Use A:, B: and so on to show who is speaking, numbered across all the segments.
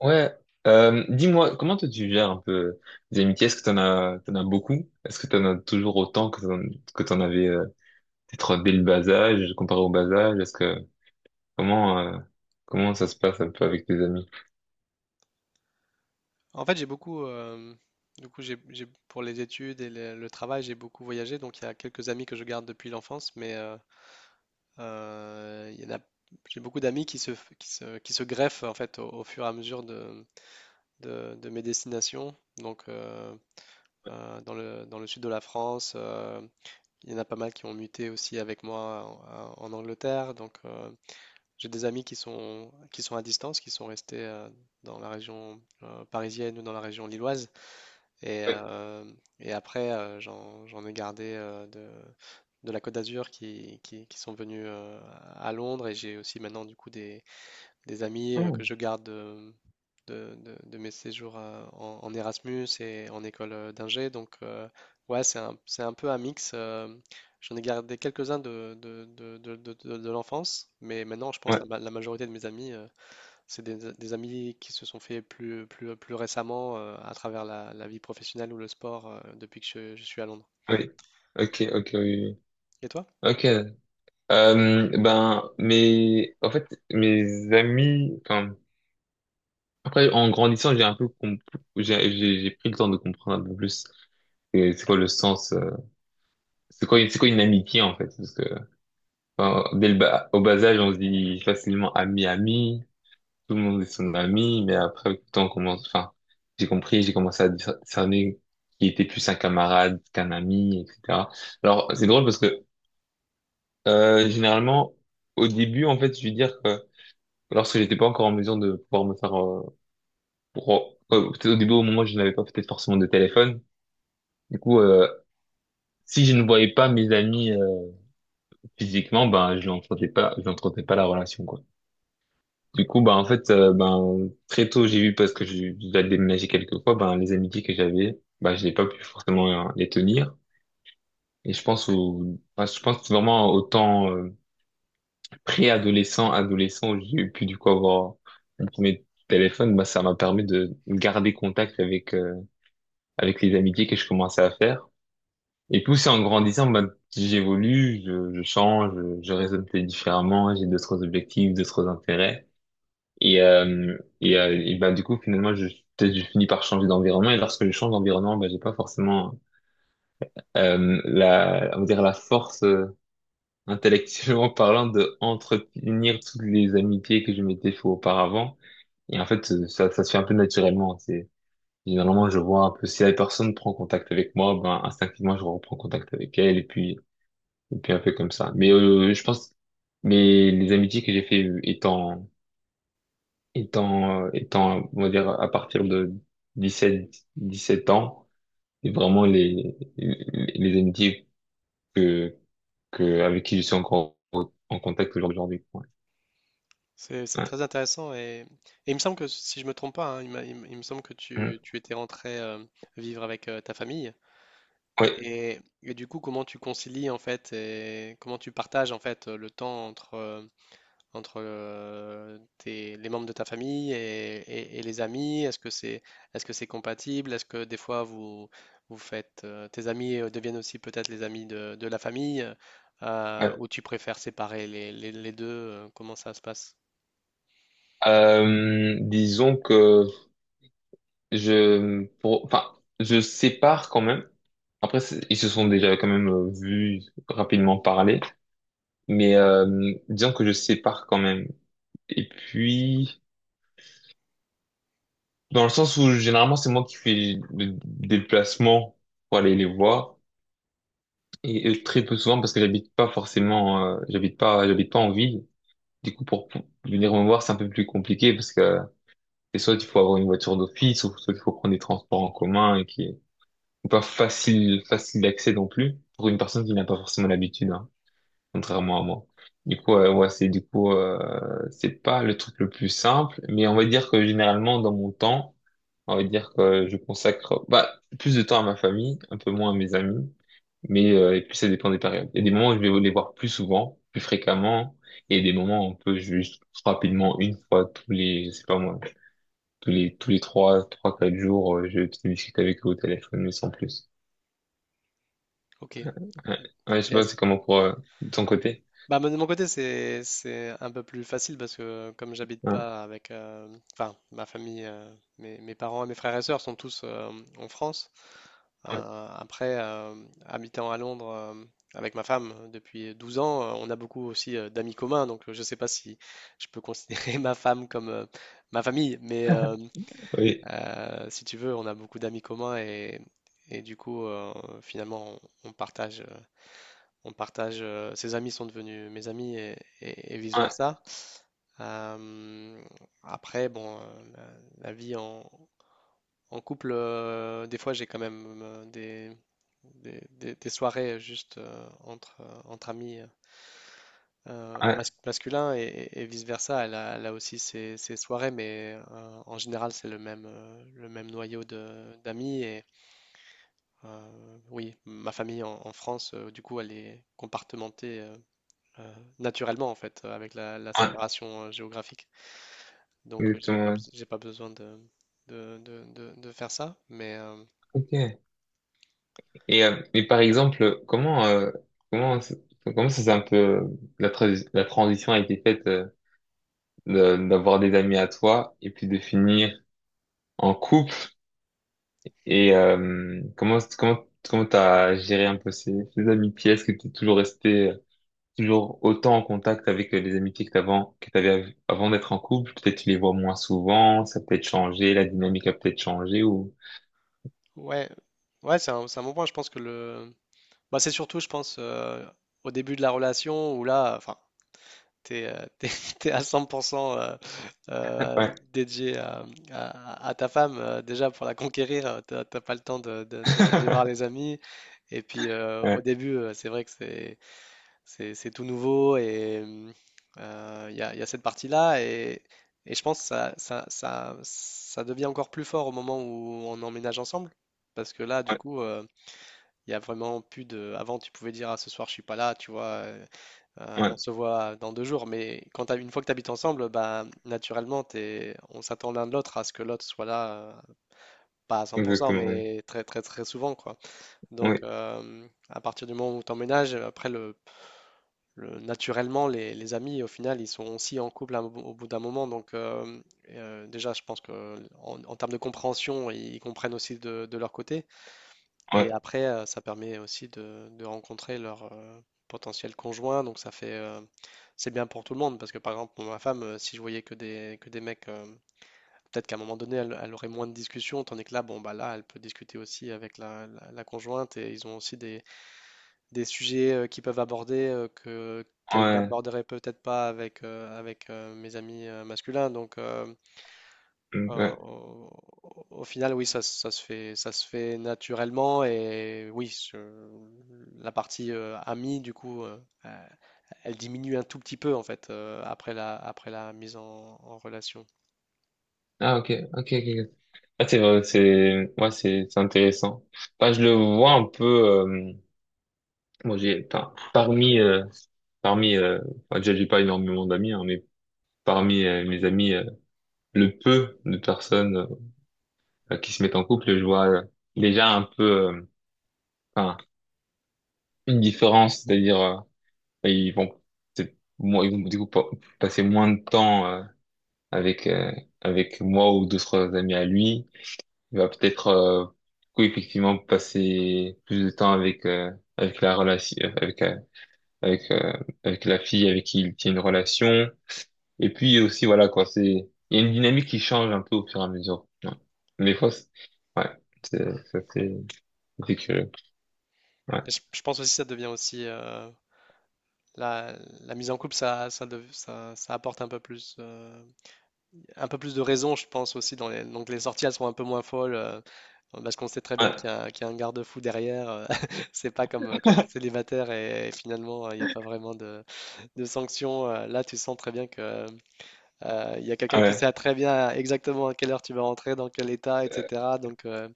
A: Ouais, Dis-moi, comment toi tu gères un peu les amitiés? Est-ce que t'en as beaucoup? Est-ce que t'en as toujours autant que t'en avais peut-être dès le bas âge, comparé au bas âge? Est-ce que comment Comment ça se passe un peu avec tes amis?
B: En fait, j'ai beaucoup, j'ai- pour les études et le travail, j'ai beaucoup voyagé. Donc, il y a quelques amis que je garde depuis l'enfance, mais il y en a, j'ai beaucoup d'amis qui se, f- qui se greffent en fait au fur et à mesure de mes destinations. Donc, dans dans le sud de la France, il y en a pas mal qui ont muté aussi avec moi en Angleterre. Donc, j'ai des amis qui sont à distance, qui sont restés dans la région parisienne ou dans la région lilloise. Et,
A: Oui.
B: euh, et après, j'en ai gardé de la Côte d'Azur qui sont venus à Londres. Et j'ai aussi maintenant du coup des amis que
A: Hmm.
B: je garde de mes séjours à- en Erasmus et en école d'ingé. Donc ouais, c'est un peu un mix. J'en ai gardé quelques-uns de l'enfance, mais maintenant je pense
A: Ouais,
B: la majorité de mes amis c'est des amis qui se sont faits plus récemment à travers la vie professionnelle ou le sport depuis que je suis à Londres.
A: oui. Ok, ok, oui. Oui.
B: Et toi?
A: Ok. Mes amis. Enfin, après, en grandissant, j'ai un peu, comp- j'ai pris le temps de comprendre un peu plus. C'est quoi le sens? C'est quoi une amitié en fait? Enfin, dès le bas, au bas âge, on se dit facilement ami, ami, tout le monde est son ami, mais après, avec le temps, on commence, enfin, j'ai compris, j'ai commencé à discerner qui était plus un camarade qu'un ami, etc. Alors, c'est drôle parce que, généralement, au début, en fait, je veux dire que lorsque j'étais pas encore en mesure de pouvoir me faire, peut-être au début, au moment où je n'avais pas peut-être forcément de téléphone, du coup, si je ne voyais pas mes amis, physiquement, ben, je n'entretenais pas la relation, quoi. Du coup, bah, en fait, ben, très tôt, j'ai vu, parce que j'ai déjà déménagé quelques fois, ben, les amitiés que j'avais, bah, je n'ai pas pu forcément les tenir. Et je pense vraiment au temps pré-adolescent, adolescent, où j'ai pu, du coup, avoir mon premier téléphone, bah, ça m'a permis de garder contact avec, avec les amitiés que je commençais à faire. Et puis, c'est en grandissant, bah, j'évolue, je change, je raisonne peut-être différemment, j'ai d'autres objectifs, d'autres intérêts. Et, et bah, du coup, finalement, peut-être je finis par changer d'environnement. Et lorsque je change d'environnement, bah, j'ai pas forcément la, on va dire la force intellectuellement parlant de entretenir toutes les amitiés que je m'étais fait auparavant. Et en fait, ça se fait un peu naturellement. C'est généralement, je vois un peu si la personne prend contact avec moi, ben instinctivement, je reprends contact avec elle. Et puis un peu comme ça. Mais je pense, mais les amitiés que j'ai fait étant, on va dire, à partir de dix-sept dix-sept ans, et vraiment les amitiés que, que, avec qui je suis encore en contact aujourd'hui. Ouais.
B: C'est
A: Ouais.
B: très intéressant et il me semble que, si je me trompe pas, hein, il me semble que
A: Mm.
B: tu étais rentré vivre avec ta famille
A: Ouais.
B: et du coup comment tu concilies en fait et comment tu partages en fait le temps entre, entre les membres de ta famille et les amis? Est-ce que c'est compatible? Est-ce que des fois vous faites tes amis deviennent aussi peut-être les amis de la famille
A: Ouais.
B: ou tu préfères séparer les deux? Comment ça se passe?
A: Disons que je, pour, enfin, je sépare quand même. Après, c'est- ils se sont déjà quand même vus rapidement parler, mais disons que je sépare quand même. Et puis, dans le sens où généralement c'est moi qui fais le déplacement pour aller les voir et très peu souvent parce que j'habite pas forcément, j'habite pas en ville. Du coup pour venir me voir c'est un peu plus compliqué parce que c'est soit il faut avoir une voiture d'office ou soit il faut prendre des transports en commun et qui est pas facile facile d'accès non plus pour une personne qui n'a pas forcément l'habitude hein, contrairement à moi. Du coup c'est pas le truc le plus simple mais on va dire que généralement dans mon temps on va dire que je consacre bah, plus de temps à ma famille, un peu moins à mes amis, mais et puis ça dépend des périodes. Il y a des moments où je vais les voir plus souvent, plus fréquemment, et des moments où on peut juste rapidement une fois tous les, je sais pas moi, tous les trois, trois quatre jours, je discute avec eux au téléphone, mais sans plus.
B: Ok. Et
A: Ouais, Ouais, je sais pas,
B: est-ce
A: c'est comment pour de ton côté.
B: Bah, moi, de mon côté, c'est un peu plus facile parce que comme j'habite
A: Ouais.
B: pas avec, enfin, ma famille, mes parents et mes frères et sœurs sont tous en France.
A: Ouais.
B: Euh, après, euh, habitant à Londres avec ma femme depuis 12 ans, on a beaucoup aussi d'amis communs. Donc, je sais pas si je peux considérer ma femme comme ma famille, mais euh,
A: Oui,
B: euh, si tu veux, on a beaucoup d'amis communs et du coup, finalement, on partage. On partage, ses amis sont devenus mes amis
A: ouais,
B: vice-versa. Euh, après, bon, la vie en couple, des fois j'ai quand même des soirées juste entre amis
A: ouais,
B: masculins et vice-versa. Elle a aussi ses soirées, mais en général c'est le même noyau de- d'amis. Et oui, ma famille en France, du coup, elle est compartimentée euh, naturellement en fait, avec la
A: ouais,
B: séparation géographique. Donc, j'ai pas,
A: exactement. Ouais.
B: bes- j'ai pas besoin de faire ça. Mais
A: Ok. Et, mais par exemple, comment, ça- comment ça s'est, un peu, la transition a été faite d'avoir des amis à toi et puis de finir en couple et comment t'as géré un peu ces amitiés? Est-ce que t'es toujours resté, toujours autant en contact avec les amitiés que t'avais avant d'être en couple? Peut-être tu les vois moins souvent, ça a peut-être changé, la dynamique a peut-être changé ou,
B: ouais, ouais, c'est un bon point. Je pense que bah, c'est surtout, je pense, au début de la relation où là, enfin, t'es, euh, t'es- t'es à 100% euh,
A: ouais,
B: dédié à ta femme. Déjà pour la conquérir, t'as t'as pas le temps de- d'aller voir les amis. Et puis au
A: ouais,
B: début, c'est vrai que c'est tout nouveau et il y a cette partie-là et je pense que ça devient encore plus fort au moment où on emménage ensemble. Parce que là, du
A: ouais,
B: coup, il y a vraiment plus de. Avant, tu pouvais dire, ah, ce soir, je suis pas là, tu vois, on
A: ouais,
B: se voit dans 2 jours. Mais quand t'as- une fois que tu habites ensemble, bah, naturellement, on s'attend l'un de l'autre à ce que l'autre soit là, pas à 100%
A: exactement, oui,
B: mais très souvent, quoi. Donc,
A: oui,
B: à partir du moment où tu emménages, après, naturellement, les amis, au final, ils sont aussi en couple à- au bout d'un moment. Donc, déjà, je pense que en termes de compréhension, ils comprennent aussi de leur côté. Et
A: ouais,
B: après, ça permet aussi de rencontrer leur potentiel conjoint. Donc, ça fait, c'est bien pour tout le monde. Parce que, par exemple, pour ma femme, si je voyais que des mecs, peut-être qu'à un moment donné, elle aurait moins de discussions. Tandis que là, bon, bah là, elle peut discuter aussi avec la conjointe et ils ont aussi des sujets qu'ils peuvent aborder que qu'elles
A: ouais.
B: n'aborderaient peut-être pas avec, mes amis masculins. Donc,
A: Mm,
B: euh,
A: ouais.
B: au, au- final, oui, ça se fait naturellement. Et oui, je- la partie amie, du coup, euh, elle diminue un tout petit peu, en fait, après la mise en relation.
A: Ah, ok, ok, ok. Ok. Ah, c'est vrai, c'est, ouais, c'est intéressant. Enfin, je le vois un peu, bon, j'ai, enfin, parmi, enfin, déjà, j'ai pas énormément d'amis, hein, mais parmi mes amis, le peu de personnes qui se mettent en couple, je vois déjà un peu, enfin, une différence, c'est-à-dire, ils vont, c'est, moi, ils vont, du coup, passer moins de temps, avec, avec moi ou d'autres amis à lui. Il va peut-être du coup, effectivement passer plus de temps avec avec la relation avec avec avec la fille avec qui il tient une relation et puis aussi voilà quoi c'est il y a une dynamique qui change un peu au fur et à mesure ouais. Des fois c'est- ouais c'est ça c'est curieux ouais
B: Et je pense aussi que ça devient aussi. La, la mise en couple, ça apporte un peu plus. Un peu plus de raison, je pense aussi. Dans les. Donc les sorties, elles sont un peu moins folles. Parce qu'on sait très bien
A: ouais
B: qu'il y a un garde-fou derrière. C'est pas comme quand tu es célibataire et finalement, il n'y a pas vraiment de sanctions. Là, tu sens très bien que, il y a quelqu'un qui
A: ouais
B: sait très bien exactement à quelle heure tu vas rentrer, dans quel état, etc. Donc,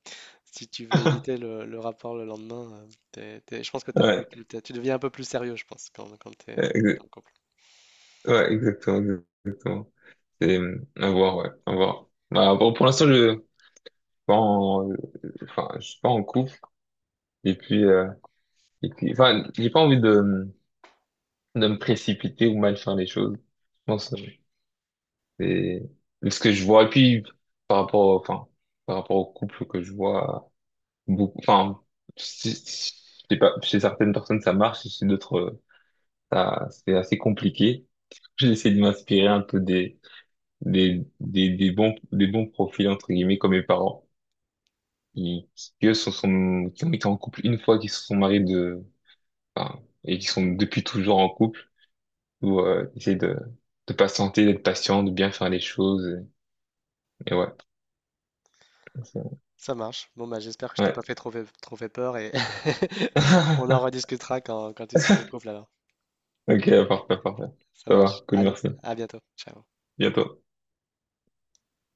B: si tu veux éviter le rapport le lendemain, t'es- t'es- je pense que t'es un peu plus,
A: ouais.
B: t'es- tu deviens un peu plus sérieux, je pense, quand tu es
A: Ouais, ouais, exactement c'est à voir ouais à voir. Bah, bon, pour l'instant je bon, enfin je suis pas en couple et puis et puis, enfin, j'ai pas envie de me précipiter ou mal faire les choses. Je pense, euh, c'est ce que je vois. Et puis, par rapport, enfin, par rapport au couple que je vois, beaucoup, enfin, c'est- c'est- c'est pas, chez certaines personnes, ça marche, chez d'autres, ça, c'est assez compliqué. J'ai essayé de m'inspirer un peu des bons profils, entre guillemets, comme mes parents, qui, qui eux, qui ont été en couple une fois, qui se sont mariés de, enfin, et qui sont depuis toujours en couple ou essayer de patienter, d'être patient, de bien faire les choses. Et, ouais. C'est-
B: Ça marche. Bon, bah, j'espère que je t'ai pas
A: ouais.
B: fait trop fait peur et on en rediscutera quand tu seras en couple alors.
A: Ok, parfait, parfait.
B: Ça
A: Ça
B: marche.
A: va, cool,
B: Allez,
A: merci.
B: à bientôt. Ciao.
A: Bientôt.